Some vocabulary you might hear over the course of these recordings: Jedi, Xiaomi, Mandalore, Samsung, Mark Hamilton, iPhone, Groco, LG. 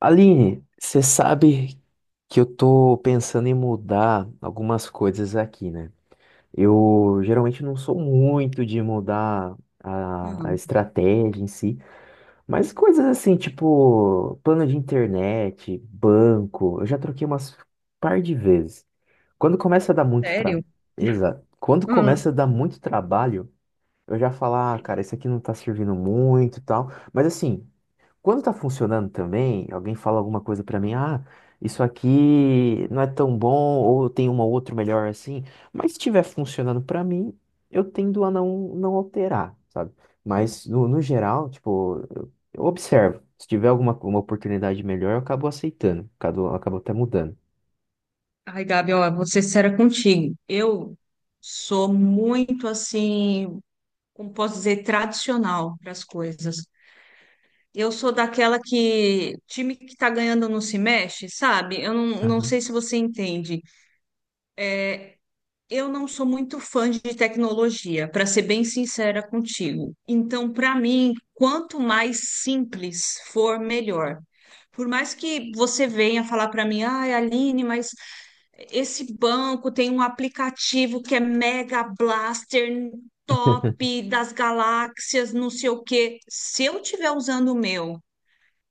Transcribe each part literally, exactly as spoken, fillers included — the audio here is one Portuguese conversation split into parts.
Aline, você sabe que eu tô pensando em mudar algumas coisas aqui, né? Eu geralmente não sou muito de mudar a, a Hum, estratégia em si, mas coisas assim, tipo plano de internet, banco, eu já troquei umas par de vezes. Quando começa a dar muito sério? trabalho, exato. Quando Hum. começa a dar muito trabalho, eu já falo, ah, cara, isso aqui não tá servindo muito e tal. Mas assim, quando tá funcionando também, alguém fala alguma coisa pra mim, ah, isso aqui não é tão bom, ou tem uma ou outra melhor assim, mas se estiver funcionando pra mim, eu tendo a não, não alterar, sabe? Mas no no geral, tipo, eu, eu observo. Se tiver alguma uma oportunidade melhor, eu acabo aceitando, acabo, acabo até mudando. Ai, Gabi, ó, vou ser sincera contigo. Eu sou muito assim, como posso dizer, tradicional para as coisas. Eu sou daquela que time que tá ganhando não se mexe, sabe? Eu não, não Aham. sei se você entende. Eu não sou muito fã de tecnologia, para ser bem sincera contigo. Então, para mim, quanto mais simples for, melhor. Por mais que você venha falar para mim, ai, Aline, mas esse banco tem um aplicativo que é Mega Blaster top das galáxias, não sei o quê. Se eu tiver usando o meu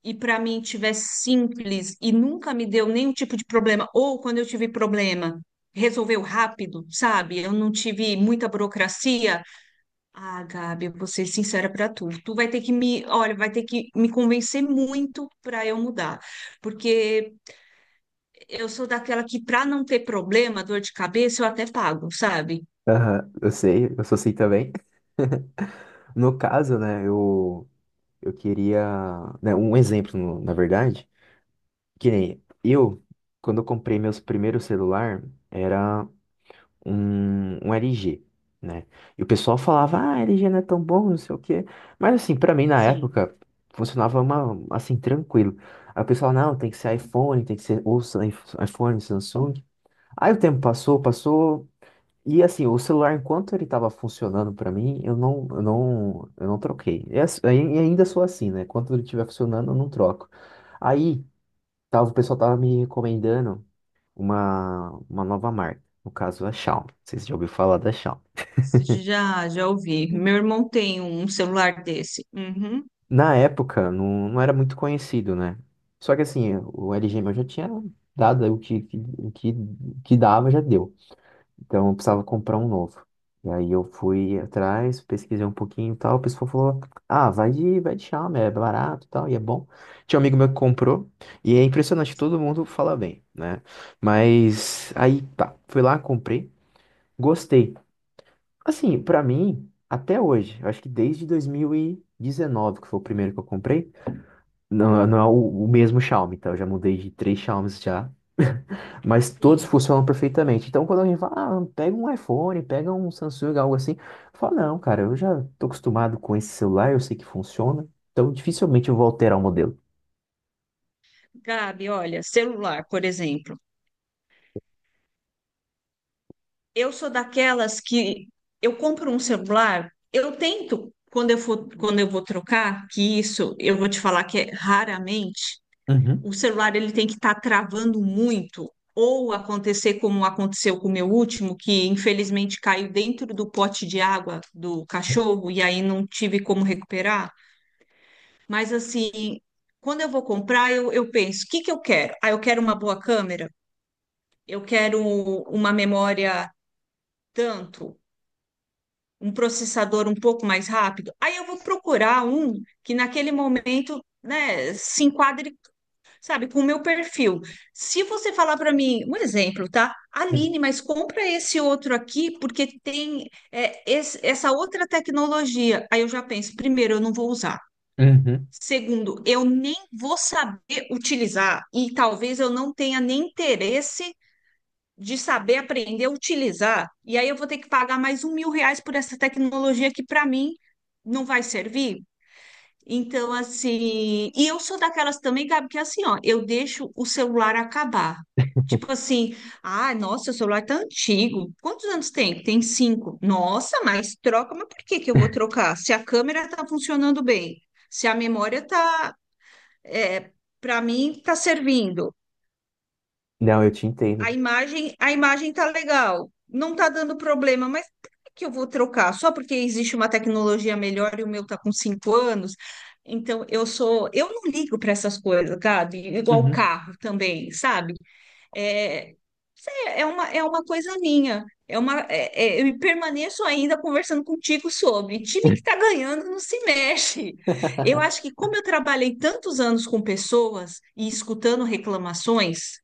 e para mim tiver simples e nunca me deu nenhum tipo de problema, ou quando eu tive problema, resolveu rápido, sabe? Eu não tive muita burocracia. Ah, Gabi, eu vou ser sincera para tu. Tu vai ter que me, olha, vai ter que me convencer muito para eu mudar, porque eu sou daquela que, para não ter problema, dor de cabeça, eu até pago, sabe? Aham, eu sei, eu sou assim também. No caso, né, eu, eu queria, né, um exemplo, no- na verdade. Que nem eu, quando eu comprei meus primeiros celular, era um, um L G, né? E o pessoal falava, ah, L G não é tão bom, não sei o quê. Mas assim, pra mim na Sim, época, funcionava uma, assim, tranquilo. Aí o pessoal, não, tem que ser iPhone, tem que ser ou Sam- iPhone, Samsung. Aí o tempo passou, passou, e assim, o celular, enquanto ele tava funcionando pra mim, eu não, eu não, eu não troquei. E ass- e ainda sou assim, né? Enquanto ele estiver funcionando, eu não troco. Aí, Tava, o pessoal tava me recomendando uma, uma nova marca, no caso a Xiaomi. Vocês já ouviram falar da Xiaomi. já, já ouvi. Meu irmão tem um celular desse. Uhum. Na época, não, não era muito conhecido, né? Só que assim, o L G meu já tinha dado o que, que, o que, o que dava, já deu. Então eu precisava comprar um novo. E aí eu fui atrás, pesquisei um pouquinho e tal. O pessoal falou, ah, vai de, vai de Xiaomi, é barato e tal, e é bom. Tinha um amigo meu que comprou, e é impressionante, todo mundo fala bem, né? Mas aí tá, fui lá, comprei. Gostei. Assim, pra mim, até hoje, eu acho que desde dois mil e dezenove, que foi o primeiro que eu comprei, não, não é o, o mesmo Xiaomi, tá? Eu já mudei de três Xiaomis já, mas todos Sim. funcionam perfeitamente. Então, quando alguém fala, ah, pega um iPhone, pega um Samsung, algo assim, eu falo, não, cara, eu já tô acostumado com esse celular, eu sei que funciona, então dificilmente eu vou alterar o modelo. Gabi, olha, celular, por exemplo. Eu sou daquelas que eu compro um celular, eu tento, quando eu for, quando eu vou trocar, que isso eu vou te falar que é raramente, Uhum, o celular ele tem que estar travando muito, ou acontecer como aconteceu com o meu último, que infelizmente caiu dentro do pote de água do cachorro e aí não tive como recuperar. Mas assim, quando eu vou comprar, eu, eu penso, o que que eu quero? Ah, eu quero uma boa câmera, eu quero uma memória tanto, um processador um pouco mais rápido. Aí eu vou procurar um que naquele momento, né, se enquadre sabe, com o meu perfil. Se você falar para mim, um exemplo, tá? uhum, Aline, mas compra esse outro aqui porque tem é, esse- essa outra tecnologia. Aí eu já penso, primeiro, eu não vou usar. uhum, Segundo, eu nem vou saber utilizar e talvez eu não tenha nem interesse de saber aprender a utilizar. E aí eu vou ter que pagar mais um mil reais por essa tecnologia que para mim não vai servir. Então, assim, e eu sou daquelas também, Gabi, que é assim, ó, eu deixo o celular acabar. Tipo assim, ah, nossa, o celular tá antigo. Quantos anos tem? Tem cinco. Nossa, mas troca, mas por que que eu vou trocar? Se a câmera tá funcionando bem, se a memória tá, é, para mim, tá servindo. Não, eu te A entendo. imagem, a imagem tá legal, não tá dando problema, mas por que que eu vou trocar? Só porque existe uma tecnologia melhor e o meu tá com cinco anos? Então eu sou, eu não ligo para essas coisas, Gabi, igual Uhum, carro também, sabe? É, sei, é uma, é uma coisa minha. É uma, é- é- eu permaneço ainda conversando contigo sobre time que tá ganhando não se mexe. Eu acho que como eu trabalhei tantos anos com pessoas e escutando reclamações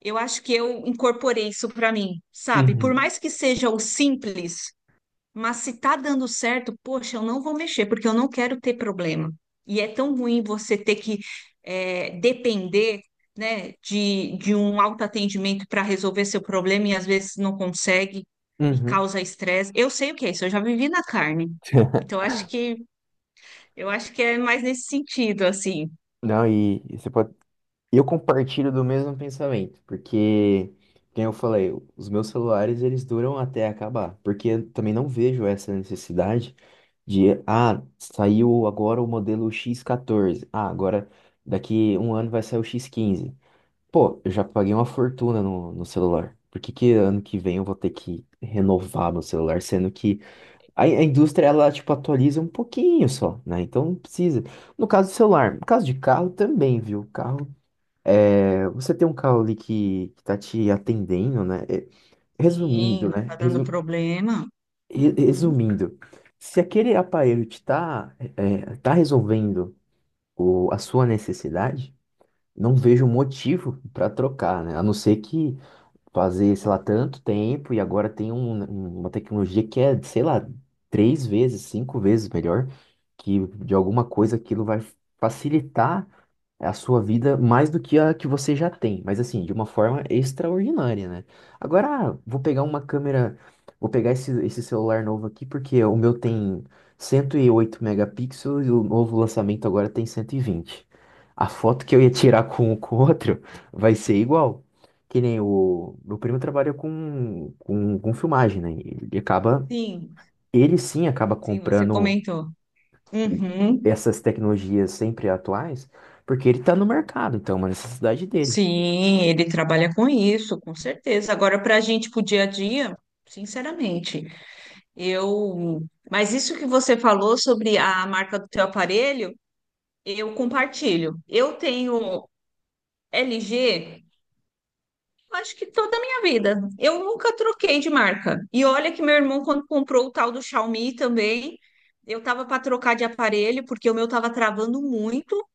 eu acho que eu incorporei isso para mim, sabe? Por uhum, mais que seja o simples, mas se tá dando certo, poxa, eu não vou mexer, porque eu não quero ter problema. E é tão ruim você ter que é, depender, né, de, de um autoatendimento para resolver seu problema e às vezes não consegue e uhum. causa estresse. Eu sei o que é isso, eu já vivi na carne. Então acho que eu acho que é mais nesse sentido, assim. Não, e e você pode eu compartilho do mesmo pensamento, porque, como eu falei, os meus celulares eles duram até acabar, porque eu também não vejo essa necessidade de, ah, saiu agora o modelo xis catorze, ah, agora daqui um ano vai sair o x quinze. Pô, eu já paguei uma fortuna no no celular. Por que que ano que vem eu vou ter que renovar meu celular, sendo que a, a indústria, ela, tipo, atualiza um pouquinho só, né? Então não precisa. No caso do celular, no caso de carro também, viu? Carro. É, você tem um carro ali que, que tá te atendendo, né? É, Sim, resumindo, não né? tá dando Resu- problema. re- Uhum. Resumindo, se aquele aparelho te tá, é, tá resolvendo o, a sua necessidade, não vejo motivo para trocar, né? A não ser que fazer, sei lá, tanto tempo e agora tem um- né, uma tecnologia que é, sei lá, três vezes, cinco vezes melhor, que de alguma coisa aquilo vai facilitar é a sua vida mais do que a que você já tem, mas assim, de uma forma extraordinária, né? Agora, ah, vou pegar uma câmera, vou pegar esse, esse celular novo aqui, porque o meu tem cento e oito megapixels e o novo lançamento agora tem cento e vinte. A foto que eu ia tirar com com o outro vai ser igual. Que nem o meu primo trabalha com, com, com filmagem, né? Ele acaba, Sim. ele sim acaba Sim, você comprando comentou. Uhum. essas tecnologias sempre atuais, porque ele está no mercado, então é uma necessidade dele. Sim, ele trabalha com isso, com certeza. Agora, para a gente, para o dia a dia, sinceramente, eu. Mas isso que você falou sobre a marca do teu aparelho, eu compartilho. Eu tenho L G, acho que toda a minha vida. Eu nunca troquei de marca. E olha que meu irmão, quando comprou o tal do Xiaomi também, eu estava para trocar de aparelho, porque o meu estava travando muito.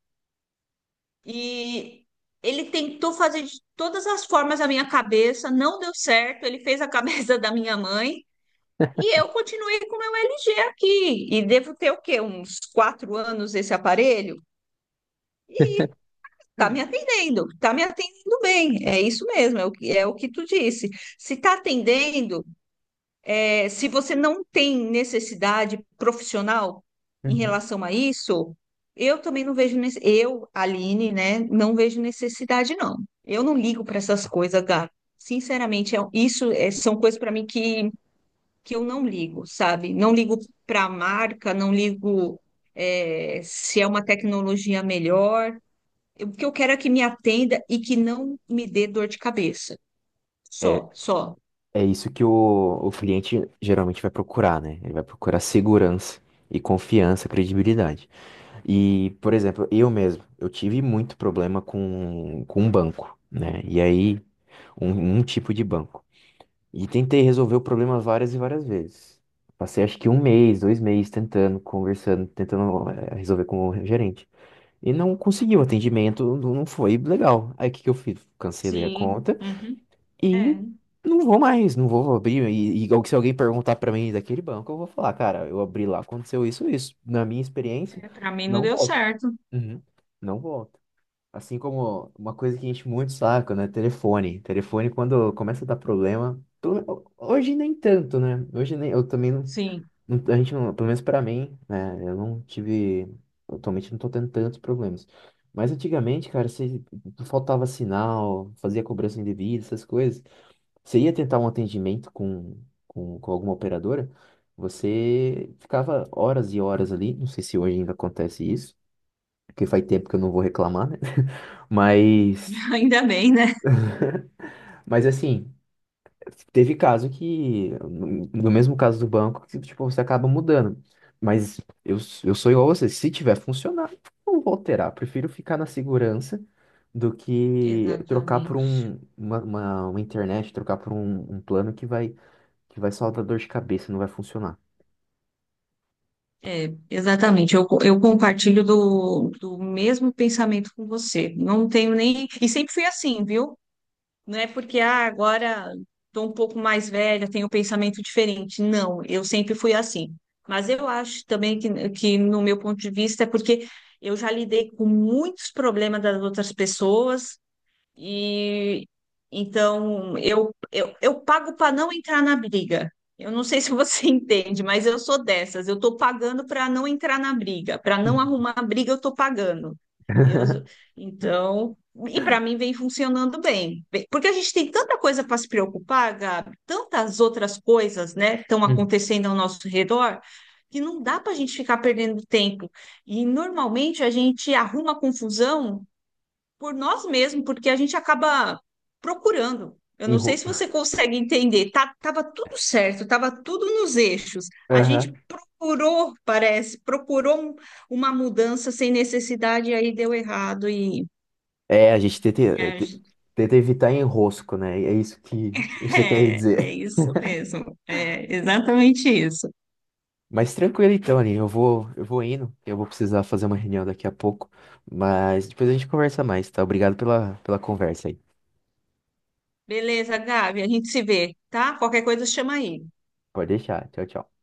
E ele tentou fazer de todas as formas a minha cabeça, não deu certo. Ele fez a cabeça da minha mãe e eu continuei com o meu L G aqui. E devo ter o quê? Uns quatro anos esse aparelho? Tá me atendendo, tá me atendendo bem. É isso mesmo, é o que, é o que tu disse. Se tá atendendo, é, se você não tem necessidade profissional em Uhum. relação a isso, eu também não vejo, nece- eu, Aline, né, não vejo necessidade, não. Eu não ligo para essas coisas, Gato. Sinceramente, é- um, isso é- são coisas para mim que, que eu não ligo, sabe? Não ligo para a marca, não ligo é, se é uma tecnologia melhor. Eu- O que eu quero é que me atenda e que não me dê dor de cabeça. É, Só, só. é isso que o, o cliente geralmente vai procurar, né? Ele vai procurar segurança e confiança, credibilidade. E, por exemplo, eu mesmo, eu tive muito problema com, com um banco, né? E aí, um, um tipo de banco. E tentei resolver o problema várias e várias vezes. Passei acho que um mês, dois meses tentando, conversando, tentando eh, resolver com o gerente. E não conseguiu atendimento, não não foi legal. Aí o que que eu fiz? Cancelei a Sim. conta Uhum. e É. não vou mais, não vou abrir. E, e se alguém perguntar pra mim daquele banco, eu vou falar, cara, eu abri lá, aconteceu isso, isso. Na minha experiência, É, pra mim não não deu volto. certo. Uhum. Não volto. Assim como uma coisa que enche muito o saco, né? Telefone. Telefone, quando começa a dar problema. tu- Hoje nem tanto, né? Hoje nem. Eu também não. Sim, não- A gente não. Pelo menos pra mim, né? Eu não tive. Atualmente não tô tendo tantos problemas. Mas antigamente, cara, se faltava sinal, fazia cobrança indevida, essas coisas. Você ia tentar um atendimento com, com, com alguma operadora, você ficava horas e horas ali. Não sei se hoje ainda acontece isso que faz tempo que eu não vou reclamar, né? Mas, ainda bem, né? mas assim, teve caso que, no no mesmo caso do banco, que tipo, você acaba mudando. Mas eu, eu sou igual a você, se tiver funcionando, não vou alterar. Prefiro ficar na segurança do que trocar por Exatamente. um, uma, uma, uma internet, trocar por um, um plano que vai, que vai só dar dor de cabeça, não vai funcionar. É, exatamente. Eu, eu compartilho do, do mesmo pensamento com você. Não tenho nem. E sempre fui assim, viu? Não é porque ah, agora estou um pouco mais velha, tenho um pensamento diferente. Não, eu sempre fui assim. Mas eu acho também que, que no meu ponto de vista, é porque eu já lidei com muitos problemas das outras pessoas e então eu, eu, eu pago para não entrar na briga. Eu não sei se você entende, mas eu sou dessas. Eu estou pagando para não entrar na briga, para não arrumar a briga, eu estou pagando. Eu, então, e para mim vem funcionando bem. Bem, porque a gente tem tanta coisa para se preocupar, Gabi, tantas outras coisas, né, estão acontecendo ao nosso redor, que não dá para a gente ficar perdendo tempo. E normalmente a gente arruma confusão por nós mesmos, porque a gente acaba procurando. Eu não sei se você consegue entender. Tá, tava tudo certo, tava tudo nos eixos. A Enro... gente procurou, parece, procurou um- uma mudança sem necessidade e aí deu errado e, É, a gente e tenta, a gen- tenta evitar enrosco, né? É isso que você quer é, é dizer. isso mesmo. É exatamente isso. Mas tranquilo então, Aline. Eu vou, eu vou indo. Eu vou precisar fazer uma reunião daqui a pouco. Mas depois a gente conversa mais, tá? Obrigado pela, pela conversa aí. Beleza, Gabi, a gente se vê, tá? Qualquer coisa chama aí. Pode deixar. Tchau, tchau.